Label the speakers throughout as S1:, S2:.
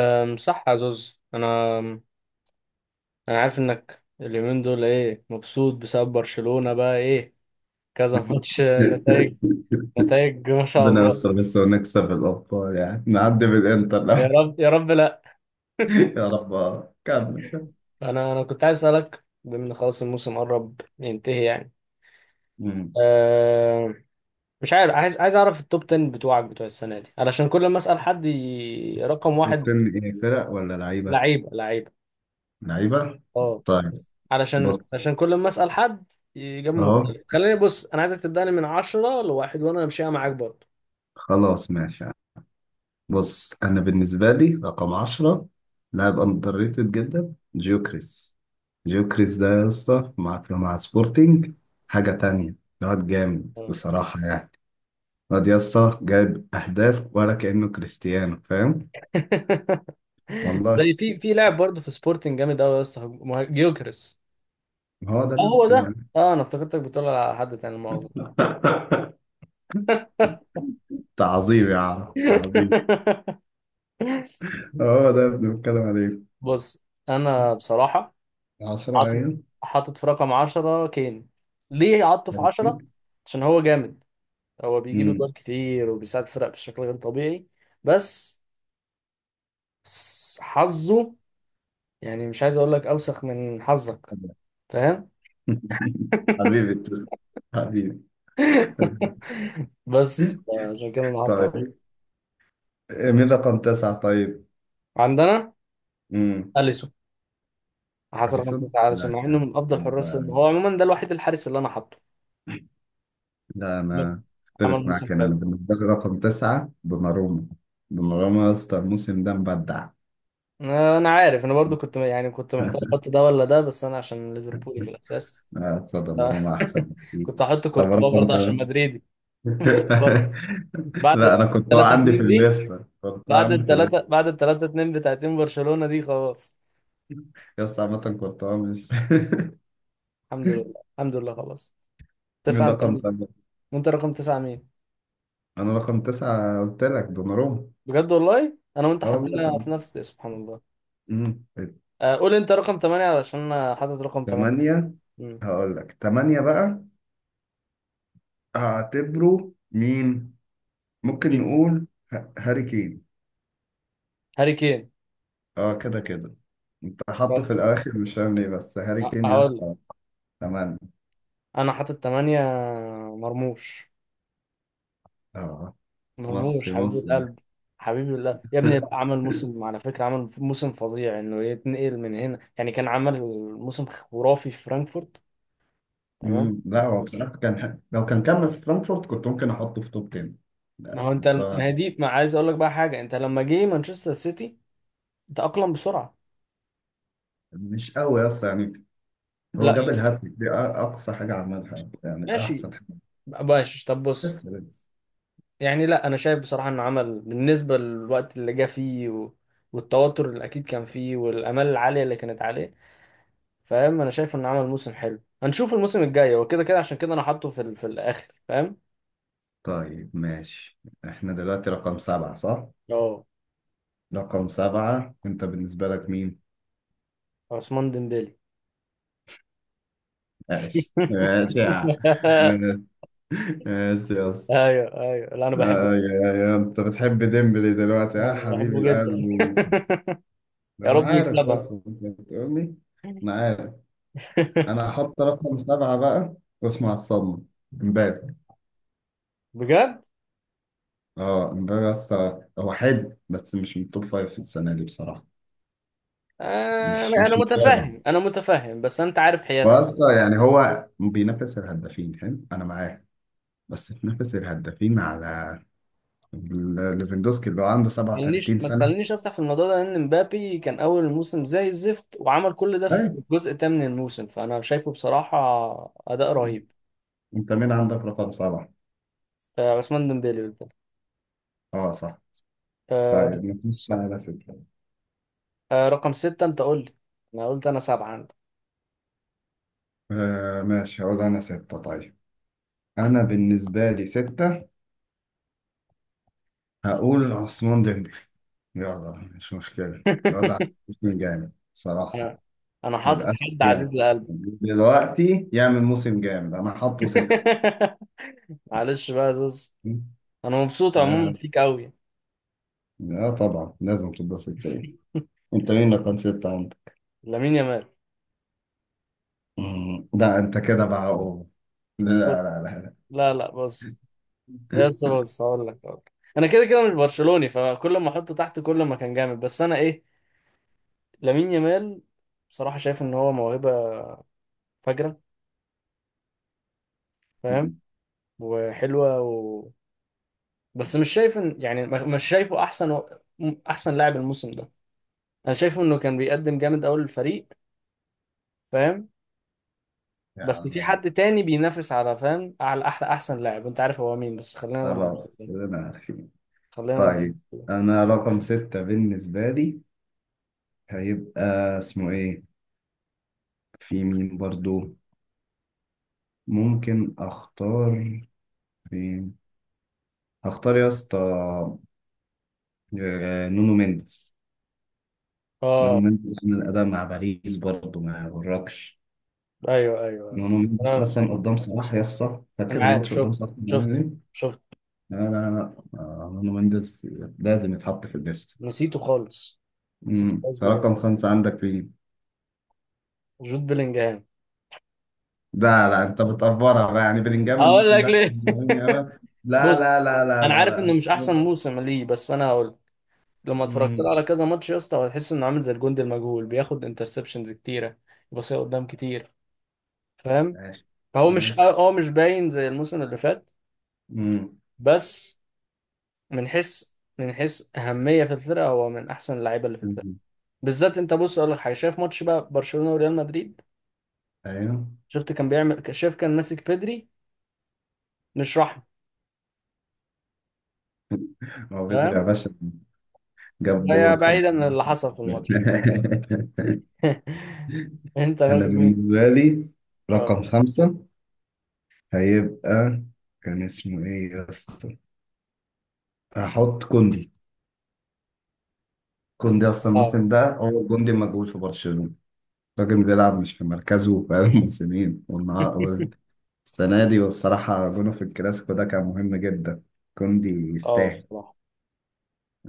S1: صح يا زوز، انا عارف انك اليومين دول ايه، مبسوط بسبب برشلونة بقى ايه كذا. ماتش نتائج نتائج ما شاء
S2: ربنا
S1: الله.
S2: يستر بس ونكسب الأبطال، يعني نعدي بالإنتر
S1: يا
S2: لا.
S1: رب يا رب، لا.
S2: يا رب. كمل كمل.
S1: انا كنت عايز اسالك، بما ان خلاص الموسم قرب ينتهي يعني.
S2: مم.
S1: أه مش عارف، عايز اعرف التوب 10 بتوعك بتوع السنة دي، علشان كل ما اسال حد رقم
S2: توب
S1: واحد.
S2: 10 إيه، فرق ولا لعيبة؟
S1: لعيبة لعيبة.
S2: لعيبة؟
S1: اه
S2: طيب،
S1: بس. علشان
S2: بص.
S1: علشان كل ما اسال حد إجابة
S2: أهو،
S1: مختلفة. خليني بص، أنا عايزك تبدأني من عشرة لواحد وأنا همشيها معاك برضه.
S2: خلاص ماشي يعني. بص، أنا بالنسبة لي رقم 10 لاعب أندر ريتد جدا جيوكريس. جيوكريس ده يا اسطى مع سبورتينج حاجة
S1: أيوة.
S2: تانية. الواد جامد بصراحة يعني، الواد يا اسطى جايب أهداف ولا كأنه كريستيانو، فاهم؟ والله.
S1: زي في لاعب برضه في سبورتنج جامد قوي يا اسطى جيوكرس.
S2: ما هو ده
S1: اه
S2: اللي
S1: هو
S2: بنتكلم
S1: ده.
S2: عليه.
S1: اه انا افتكرتك بتقول على حد تاني، مؤاخذة.
S2: تعظيم يا عم، تعظيم. هو ده اللي بنتكلم عليه.
S1: بص انا بصراحة
S2: 10
S1: عاطف
S2: أيام.
S1: حاطط في رقم 10 كين. ليه عاطف في 10؟ عشان هو جامد، هو بيجيب
S2: امم
S1: جوال كتير وبيساعد فرق بشكل غير طبيعي. بس حظه، يعني مش عايز اقول لك اوسخ من حظك، فاهم؟
S2: حبيبي تسلم، حبيبي. حبيبي.
S1: بس. عشان كده انا هحط
S2: طيب،
S1: عشرة.
S2: مين رقم تسعة طيب؟
S1: عندنا
S2: امم
S1: اليسون، حصل
S2: أليسون،
S1: 5 اليسون مع انه من افضل حراس
S2: لا،
S1: هو عموما ده الوحيد الحارس اللي انا حاطه. لا.
S2: انا
S1: عمل
S2: اختلف معاك
S1: موسم
S2: هنا. انا
S1: حلو.
S2: بالنسبه لي رقم تسعه دوناروما. دوناروما يا اسطى الموسم ده مبدع.
S1: انا عارف، انا برضو كنت محتار احط ده ولا ده، بس انا عشان ليفربولي في الاساس.
S2: آه، دوناروما احسن بكتير.
S1: كنت هحط
S2: طب
S1: كورتوا
S2: رقم
S1: برضه عشان
S2: ثمانيه.
S1: مدريدي. بس برضه بعد
S2: لا، انا كورتوا
S1: 3
S2: عندي في
S1: 2 دي،
S2: الليسته، كورتوا
S1: بعد
S2: عندي في
S1: الثلاثة
S2: الليسته
S1: بعد الثلاثة 2 بتاعتين برشلونة دي خلاص.
S2: يس عامه كورتوا مش.
S1: الحمد لله. الحمد لله خلاص. تسعة
S2: من
S1: انت
S2: رقم
S1: مين؟
S2: تمانية،
S1: وانت رقم تسعة مين؟
S2: انا رقم تسعة قلت لك دوناروما.
S1: بجد والله انا وانت
S2: اه والله
S1: حطينا في نفس، سبحان الله.
S2: أمم.
S1: آه، قول انت رقم 8 علشان انا حاطط رقم 8.
S2: التمانية،
S1: مم.
S2: هقول لك تمانية بقى. هعتبره مين؟ ممكن نقول هاري كين.
S1: هاري كين.
S2: اه، كده كده انت حاطه في الاخر، مش فاهم ليه، بس هاري كين
S1: هقول
S2: يس.
S1: لك
S2: تمانية،
S1: انا حاطط 8. مرموش.
S2: اه.
S1: مرموش
S2: مصري
S1: حبيب
S2: مصري.
S1: القلب. حبيب الله يا ابني. لا، عمل موسم على فكرة. عمل موسم فظيع، انه يتنقل من هنا يعني كان عمل موسم خرافي في فرانكفورت. تمام.
S2: لا هو بصراحة كان لو كان كمل في فرانكفورت كنت ممكن أحطه في توب 10.
S1: ما
S2: لا
S1: هو انت،
S2: بس
S1: ما
S2: هو
S1: هي دي ما عايز اقول لك بقى حاجه، انت لما جه مانشستر سيتي تأقلم بسرعه.
S2: مش قوي أصلا يعني. هو
S1: لا
S2: جاب الهاتريك دي، أقصى حاجة عملها يعني،
S1: ماشي،
S2: أحسن حاجة.
S1: ماشي طب بص.
S2: بس.
S1: يعني لا انا شايف بصراحه انه عمل بالنسبه للوقت اللي جه فيه، و... والتوتر اللي اكيد كان فيه، والامال العاليه اللي كانت عليه، فاهم؟ انا شايف انه عمل موسم حلو. هنشوف الموسم الجاي، هو كده كده عشان كده انا حاطه في ال... في الاخر، فاهم؟
S2: طيب ماشي، إحنا دلوقتي رقم سبعة صح؟
S1: اه،
S2: رقم سبعة أنت بالنسبة لك مين؟
S1: عثمان ديمبélé.
S2: ماشي ماشي يا عم. ماشي يا اسطى.
S1: ايوه ايوه، لا انا بحبه.
S2: آه يا أنت بتحب ديمبلي دلوقتي
S1: انا
S2: يا حبيب
S1: بحبه جدا.
S2: القلب و...
S1: يا
S2: أنا
S1: رب
S2: عارف
S1: يكسبها.
S2: أصلا أنت بتقولي. أنا عارف. انا هحط رقم سبعة بقى، واسمع الصدمة، امبابي.
S1: بجد.
S2: اه امبابي اصلا هو حلو بس مش من التوب فايف في السنة دي بصراحة.
S1: انا
S2: مش
S1: انا
S2: مش امبابي.
S1: متفهم، انا متفهم، بس انت عارف حيازتي.
S2: واصلا يعني هو بينافس الهدافين، حلو، انا معاه. بس تنافس الهدافين على ليفاندوسكي اللي هو عنده 37
S1: ما
S2: سنة.
S1: تخلينيش افتح في الموضوع ده، لان مبابي كان اول الموسم زي الزفت وعمل كل ده في
S2: طيب
S1: الجزء الثامن من الموسم، فانا شايفه بصراحه اداء رهيب.
S2: انت مين عندك رقم سبعة؟
S1: آه، عثمان ديمبélé قلت لك.
S2: اه صح.
S1: آه،
S2: طيب نخش على ستة.
S1: رقم ستة انت قول لي، انا قلت انا سبعة عندك.
S2: آه ماشي، هقول انا ستة طيب. انا بالنسبة لي ستة هقول عثمان ديمبلي، يلا، مش مشكلة. الوضع موسم جامد صراحة.
S1: انا حاطط
S2: للأسف
S1: حد عزيز
S2: يعني
S1: لقلبي.
S2: دلوقتي يعمل موسم جامد، أنا حاطه ستة.
S1: معلش بقى، بص، انا مبسوط عموما
S2: لا
S1: فيك قوي.
S2: لا طبعا لازم تبقى ستة إيه. أنت مين اللي كان ستة أنت؟
S1: لامين يامال.
S2: لا أنت كده بقى، أوه. لا
S1: بص،
S2: لا لا لا.
S1: لا لا، بص يس، بص هقول لك. انا كده كده مش برشلوني، فكل ما احطه تحت كل ما كان جامد. بس انا ايه، لامين يامال بصراحة شايف إن هو موهبة فجرة، فاهم؟
S2: مم.
S1: وحلوة، و... بس مش شايف إن يعني مش شايفه أحسن، و... أحسن لاعب الموسم ده. أنا شايفه إنه كان بيقدم جامد أوي للفريق، فاهم؟
S2: يا
S1: بس في
S2: عم
S1: حد تاني بينافس على، فاهم، على أحلى أحسن لاعب، أنت عارف هو مين، بس خلينا لما نوصل
S2: خلاص
S1: له.
S2: أنا عارفين.
S1: خلينا لما.
S2: طيب أنا رقم ستة بالنسبة لي هيبقى اسمه إيه؟ في مين برضو؟ ممكن أختار مين؟ هختار يا اسطى آه، نونو مينديز. نونو
S1: آه،
S2: مينديز عمل أداء مع باريس برضه، ما يغركش.
S1: أيوه أيوه أيوه.
S2: نونو مينديز
S1: أنا
S2: أصلا قدام صلاح يا اسطى، فاكر
S1: أنا عارف،
S2: الماتش قدام
S1: شفت
S2: صلاح كان عامل
S1: شفت
S2: إيه؟
S1: شفت.
S2: لا لا لا. آه، نونو مينديز لازم يتحط في الليست.
S1: نسيته خالص. نسيته
S2: امم،
S1: خالص بجد.
S2: رقم خمسة عندك في.
S1: جود بلينجهام.
S2: لا لا أنت بتقفرها بقى يعني، بلينجهام
S1: هقول
S2: الموسم
S1: لك
S2: ده
S1: ليه.
S2: مهم أوي. لا
S1: بص
S2: لا لا لا
S1: انا
S2: لا
S1: عارف انه مش احسن
S2: لا.
S1: موسم ليه، بس انا هقول، لما اتفرجت له
S2: امم،
S1: على كذا ماتش يا اسطى هتحس انه عامل زي الجندي المجهول، بياخد انترسبشنز كتيره، يبصيها قدام كتير، فاهم؟
S2: ماشي.
S1: فهو مش
S2: ماشي،
S1: اه آه مش باين زي الموسم اللي فات.
S2: امم.
S1: بس من حيث، من حيث اهميه في الفرقه، هو من احسن اللعيبه اللي في الفرقه.
S2: أمم.
S1: بالذات انت بص اقول لك حاجه، شايف ماتش بقى برشلونه وريال مدريد،
S2: أيوه.
S1: شفت كان بيعمل، شايف كان ماسك بيدري مش رحمه،
S2: هو بدري يا
S1: فاهم؟
S2: باشا، جاب
S1: ده يا،
S2: جول خد.
S1: بعيدا عن اللي حصل في الماتش. انت
S2: انا
S1: باكل مين؟
S2: بالنسبه لي
S1: اه
S2: رقم خمسة هيبقى، كان اسمه ايه يا اسطى؟ هحط كوندي. كوندي اصلا
S1: آه.
S2: الموسم ده، هو كوندي موجود في برشلونة، الراجل بيلعب مش في مركزه بقاله موسمين. والنهار السنة دي، والصراحة جونه في الكلاسيكو ده كان مهم جدا. كوندي
S1: اه
S2: يستاهل.
S1: بصراحة.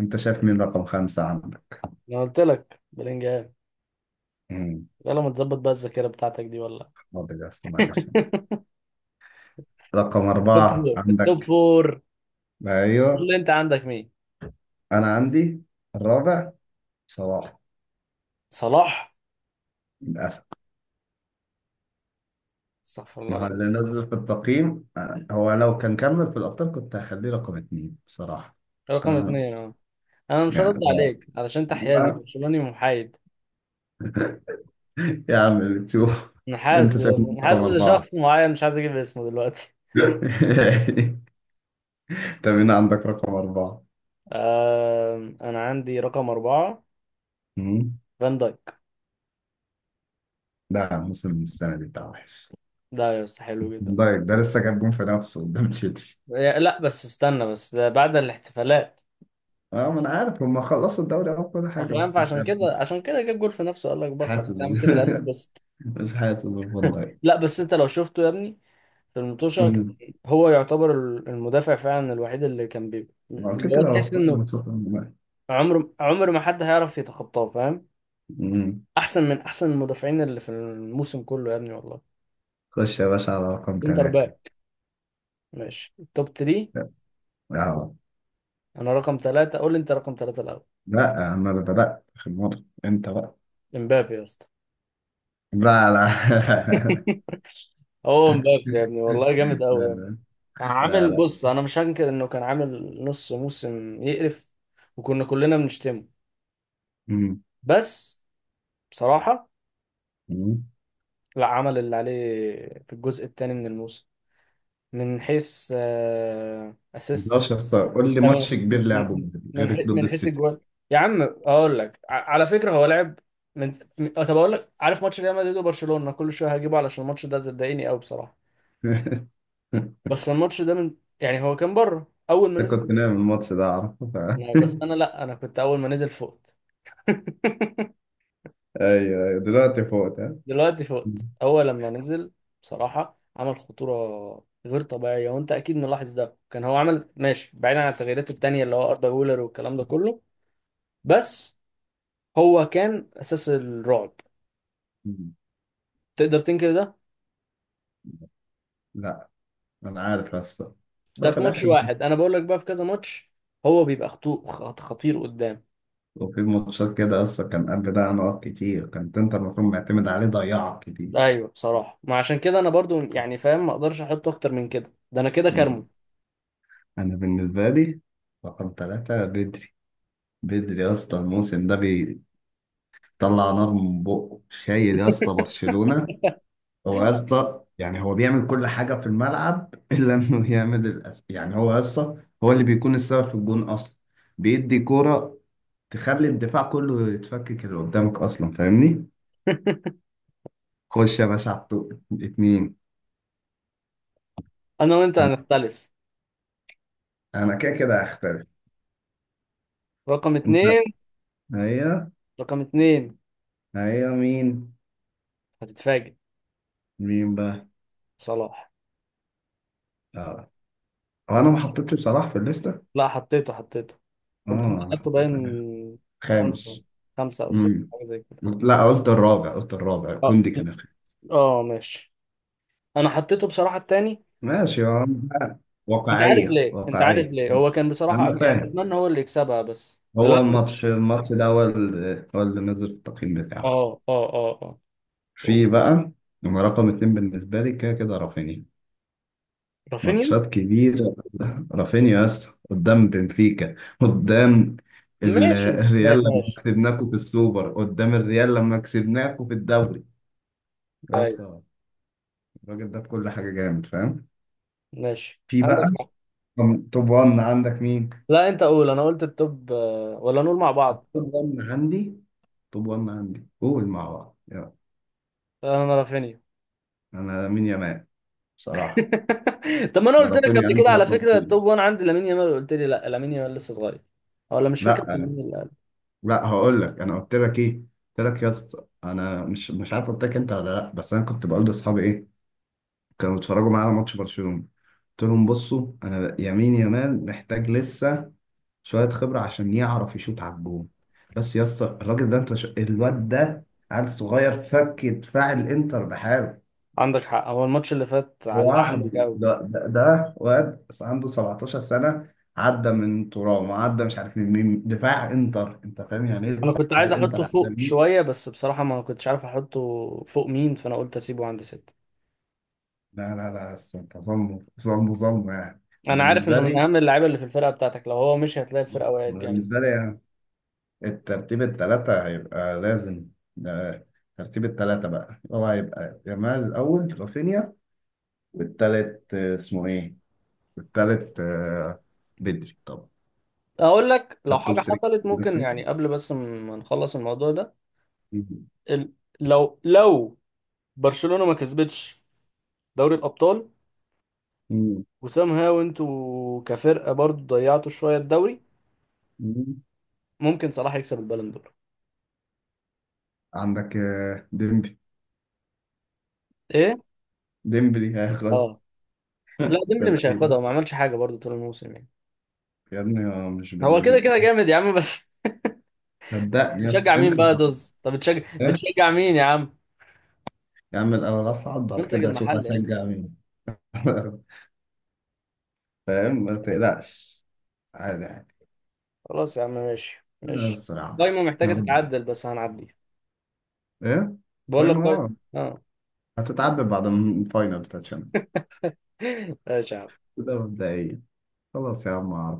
S2: انت شايف مين رقم خمسة عندك؟
S1: انا قلت لك بلينجهام،
S2: مم،
S1: يلا ما تظبط بقى الذاكرة بتاعتك دي ولا.
S2: حاضر يا اسطى، معلش.
S1: التوب
S2: رقم أربعة
S1: فور. التوب
S2: عندك.
S1: فور
S2: ايوه
S1: اللي انت عندك مين؟
S2: انا عندي الرابع صلاح،
S1: صلاح؟
S2: للأسف.
S1: استغفر الله
S2: ما هو اللي
S1: العظيم.
S2: نزل في التقييم. آه، هو لو كان كمل في الأبطال كنت هخليه رقم اتنين بصراحة. بس
S1: رقم
S2: أنا-
S1: اتنين اه. انا مش هرد
S2: يعني هو،
S1: عليك علشان انت حيازي
S2: هو-
S1: برشلوني محايد،
S2: يا عم اللي تشوف.
S1: منحاز
S2: أنت شايفني رقم
S1: منحاز
S2: أربعة.
S1: لشخص معين مش عايز اجيب اسمه دلوقتي.
S2: طب هنا عندك رقم أربعة.
S1: انا عندي رقم اربعة
S2: مم.
S1: فان دايك.
S2: لا، موسم السنة دي بتاع وحش.
S1: ده يا اسطى حلو جدا.
S2: دايك ده لسه جاب جون في نفسه قدام تشيلسي.
S1: لا بس استنى، بس ده بعد الاحتفالات.
S2: اه ما انا عارف هم خلصوا الدوري او كل
S1: ما
S2: حاجه،
S1: فاهم،
S2: بس مش
S1: فعشان
S2: عارف،
S1: كده،
S2: مش
S1: عشان كده جاب جول في نفسه، قال لك بقى
S2: حاسس
S1: خلاص يا عم سيب القلب بس.
S2: مش حاسس بفان دايك.
S1: لا بس انت لو شفته يا ابني في المطوشة، كان
S2: مم.
S1: هو يعتبر المدافع فعلا الوحيد اللي كان بي
S2: هو كده
S1: اللي هو
S2: كده هو في
S1: تحس
S2: كل
S1: انه عمر عمر ما حد هيعرف يتخطاه، فاهم؟
S2: ماتشات.
S1: احسن من احسن المدافعين اللي في الموسم كله يا ابني والله.
S2: خش يا باشا على رقم
S1: سنتر
S2: ثلاثة.
S1: باك. ماشي توب 3.
S2: اه.
S1: انا رقم ثلاثة، قول لي انت رقم ثلاثة الاول.
S2: لا انا اللي بدأت في الموضوع، انت بقى.
S1: امبابي يا اسطى.
S2: لا لا.
S1: هو امبابي يا ابني
S2: لا
S1: والله جامد قوي يعني.
S2: لا
S1: كان
S2: لا
S1: عامل،
S2: لا.
S1: بص انا مش هنكر انه كان عامل نص موسم يقرف وكنا كلنا بنشتمه.
S2: مم.
S1: بس بصراحة
S2: مم.
S1: لا، عمل اللي عليه في الجزء الثاني من الموسم. من حيث
S2: مقدرش
S1: اسيست،
S2: يا اسطى، قول لي ماتش
S1: من
S2: كبير لعبه
S1: من
S2: غير ضد
S1: من حيث
S2: السيتي.
S1: الجوال. يا عم اقول لك، على فكره هو لعب طب اقول لك، عارف ماتش ريال مدريد وبرشلونه، كل شويه هجيبه علشان الماتش ده صدقني قوي بصراحه. بس الماتش ده، من يعني هو كان بره اول ما
S2: انت
S1: نزل.
S2: كنت نايم الماتش ده اعرفه ف...
S1: بس انا، لا انا كنت اول ما نزل فوق.
S2: ايوه ايوه دلوقتي فوت ها.
S1: دلوقتي
S2: مم.
S1: فقت. هو لما نزل بصراحة عمل خطورة غير طبيعية، وانت اكيد ملاحظ ده. كان هو عمل ماشي، بعيدا عن التغييرات التانية اللي هو اردا جولر والكلام ده كله، بس هو كان اساس الرعب.
S2: مم.
S1: تقدر تنكر ده؟
S2: لا انا عارف اصلا. بس
S1: ده
S2: هو في
S1: في ماتش
S2: الاخر،
S1: واحد، انا بقول لك بقى في كذا ماتش هو بيبقى خطير قدام.
S2: وفي ماتشات كده اصلا كان قبل ده نقط كتير كانت انت المفروض معتمد عليه، ضيعك كتير.
S1: ايوه بصراحة، ما عشان كده انا برضو يعني فاهم، ما اقدرش احط اكتر من كده، ده انا كده كارمه.
S2: انا بالنسبه لي رقم ثلاثة بدري. بدري يا اسطى الموسم ده بيطلع نار من بقه، شايل يا اسطى برشلونه. هو يا اسطى يعني هو بيعمل كل حاجه في الملعب الا انه يعمل الأس... يعني هو يا اسطى هو اللي بيكون السبب في الجون اصلا، بيدي كوره تخلي الدفاع كله يتفكك اللي قدامك اصلا، فاهمني. خش يا باشا على الطوق اتنين.
S1: انا وانت
S2: انا
S1: هنختلف.
S2: أنا كده كده هختلف.
S1: رقم
S2: انت،
S1: اتنين
S2: هي،
S1: رقم اتنين
S2: هي مين؟
S1: هتتفاجئ.
S2: مين بقى؟
S1: صلاح.
S2: اه. هو انا ما حطيتش صلاح في الليسته.
S1: لا حطيته، حطيته، كنت انت
S2: اه انا
S1: خدته
S2: حطيت عليها
S1: باين. خمسة.
S2: خامس.
S1: خمسة أو ستة،
S2: امم.
S1: حاجة زي كده.
S2: لا قلت الرابع، قلت الرابع،
S1: اه.
S2: كوندي كان الخامس.
S1: اه ماشي. أنا حطيته بصراحة التاني.
S2: ماشي يا عم.
S1: أنت عارف
S2: واقعية،
S1: ليه؟ أنت عارف
S2: واقعية.
S1: ليه، هو كان بصراحة،
S2: أنا
S1: يعني
S2: فاهم.
S1: أتمنى هو اللي يكسبها بس لا.
S2: هو الماتش، الماتش ده هو هو اللي نزل في التقييم بتاعه.
S1: اه، اه، اه.
S2: في
S1: اه
S2: بقى، هو رقم اتنين بالنسبة لي كده كده رافينيا.
S1: رافينيا.
S2: ماتشات كبيرة، رافينيا يا اسطى قدام بنفيكا، قدام
S1: ماشي.
S2: الريال لما
S1: ماشي.
S2: كسبناكوا في السوبر، قدام الريال لما كسبناكوا في الدوري. بس
S1: طيب.
S2: الراجل ده في كل حاجة جامد، فاهم.
S1: ماشي
S2: في
S1: عندك
S2: بقى،
S1: حق.
S2: توب 1 عندك مين؟
S1: لا أنت قول، أنا قلت التوب ولا نقول مع بعض.
S2: توب 1 عندي، توب 1 عندي، قول مع بعض يلا.
S1: أنا رافينيا.
S2: انا مين يا مان بصراحة؟
S1: طب ما انا
S2: لا
S1: قلت لك
S2: رافينيا
S1: قبل كده
S2: عندي، لا
S1: على فكره، التوب
S2: فلورتين.
S1: 1 عندي لامين يامال، قلت لي لا لامين يامال لسه صغير، أو ولا مش فاكر كان
S2: لا
S1: مين اللي قال.
S2: لا، هقول لك انا قلت لك ايه. قلت لك يا اسطى انا مش عارف قلت لك انت ولا لا، بس انا كنت بقول لاصحابي ايه كانوا بيتفرجوا معايا على ماتش برشلونة، قلت لهم بصوا انا يمين يامال محتاج لسه شوية خبرة عشان يعرف يشوط على الجون. بس يا اسطى الراجل ده، انت ش... الواد ده عيل صغير فك دفاع الانتر بحاله
S1: عندك حق، هو الماتش اللي فات علق
S2: لوحده.
S1: عندك قوي.
S2: ده واد عنده 17 سنة، عدى من ترام، وعدى مش عارف من مين، دفاع انتر، انت فاهم يعني ايه
S1: انا
S2: دفاع
S1: كنت عايز
S2: الانتر
S1: احطه
S2: عدى
S1: فوق
S2: مين؟
S1: شويه بس بصراحه ما كنتش عارف احطه فوق مين، فانا قلت اسيبه عند ستة.
S2: لا لا لا، بس انت ظلمه، ظلمه، ظلمه يعني. أنا
S1: انا عارف
S2: بالنسبة
S1: انه من
S2: لي،
S1: اهم اللعيبه اللي في الفرقه بتاعتك، لو هو مش هتلاقي الفرقه وقعت جامد.
S2: بالنسبة لي يعني الترتيب الثلاثة هيبقى لازم ده. ترتيب الثلاثة بقى هو هيبقى يامال الأول، رافينيا، والتالت آه، اسمه ايه؟ والتالت آه، بدري طبعا.
S1: اقول لك
S2: ده
S1: لو
S2: التوب
S1: حاجه
S2: 3
S1: حصلت،
S2: عندك
S1: ممكن
S2: مين؟
S1: يعني قبل بس ما نخلص الموضوع ده،
S2: مين
S1: ال- لو برشلونه ما كسبتش دوري الابطال،
S2: مين
S1: وسام هاو انتوا كفرقة برضو ضيعتوا شوية الدوري،
S2: مين؟
S1: ممكن صلاح يكسب البالون دور.
S2: عندك آه، ديمبلي.
S1: ايه؟
S2: ديمبلي هياخد.
S1: اه. لا
S2: ده
S1: ديمبلي مش هياخدها،
S2: نسيته.
S1: وما عملش حاجة برضو طول الموسم يعني.
S2: يا ابني هو مش
S1: هو
S2: باللي،
S1: كده كده جامد يا عم بس.
S2: صدقني يس،
S1: بتشجع مين
S2: انسى
S1: بقى يا
S2: صدقني.
S1: زوز؟ طب بتشجع،
S2: إيه؟
S1: مين يا عم؟
S2: يا عم الاول اصعد، بعد
S1: منتج
S2: كده اشوف
S1: المحل يعني.
S2: اشجع مين. فاهم، ما تقلقش، عادي عادي.
S1: خلاص يا عم ماشي،
S2: لا
S1: ماشي.
S2: الصراحة
S1: قايمة
S2: يا
S1: محتاجة
S2: رب.
S1: تتعدل بس هنعديها.
S2: ايه؟
S1: بقول لك
S2: فاهم،
S1: قايمة.
S2: اه.
S1: اه.
S2: هتتعدل بعد الفاينل بتاع الشامبيونز،
S1: ماشي يا عم.
S2: ده مبدئيا. خلاص يا عم.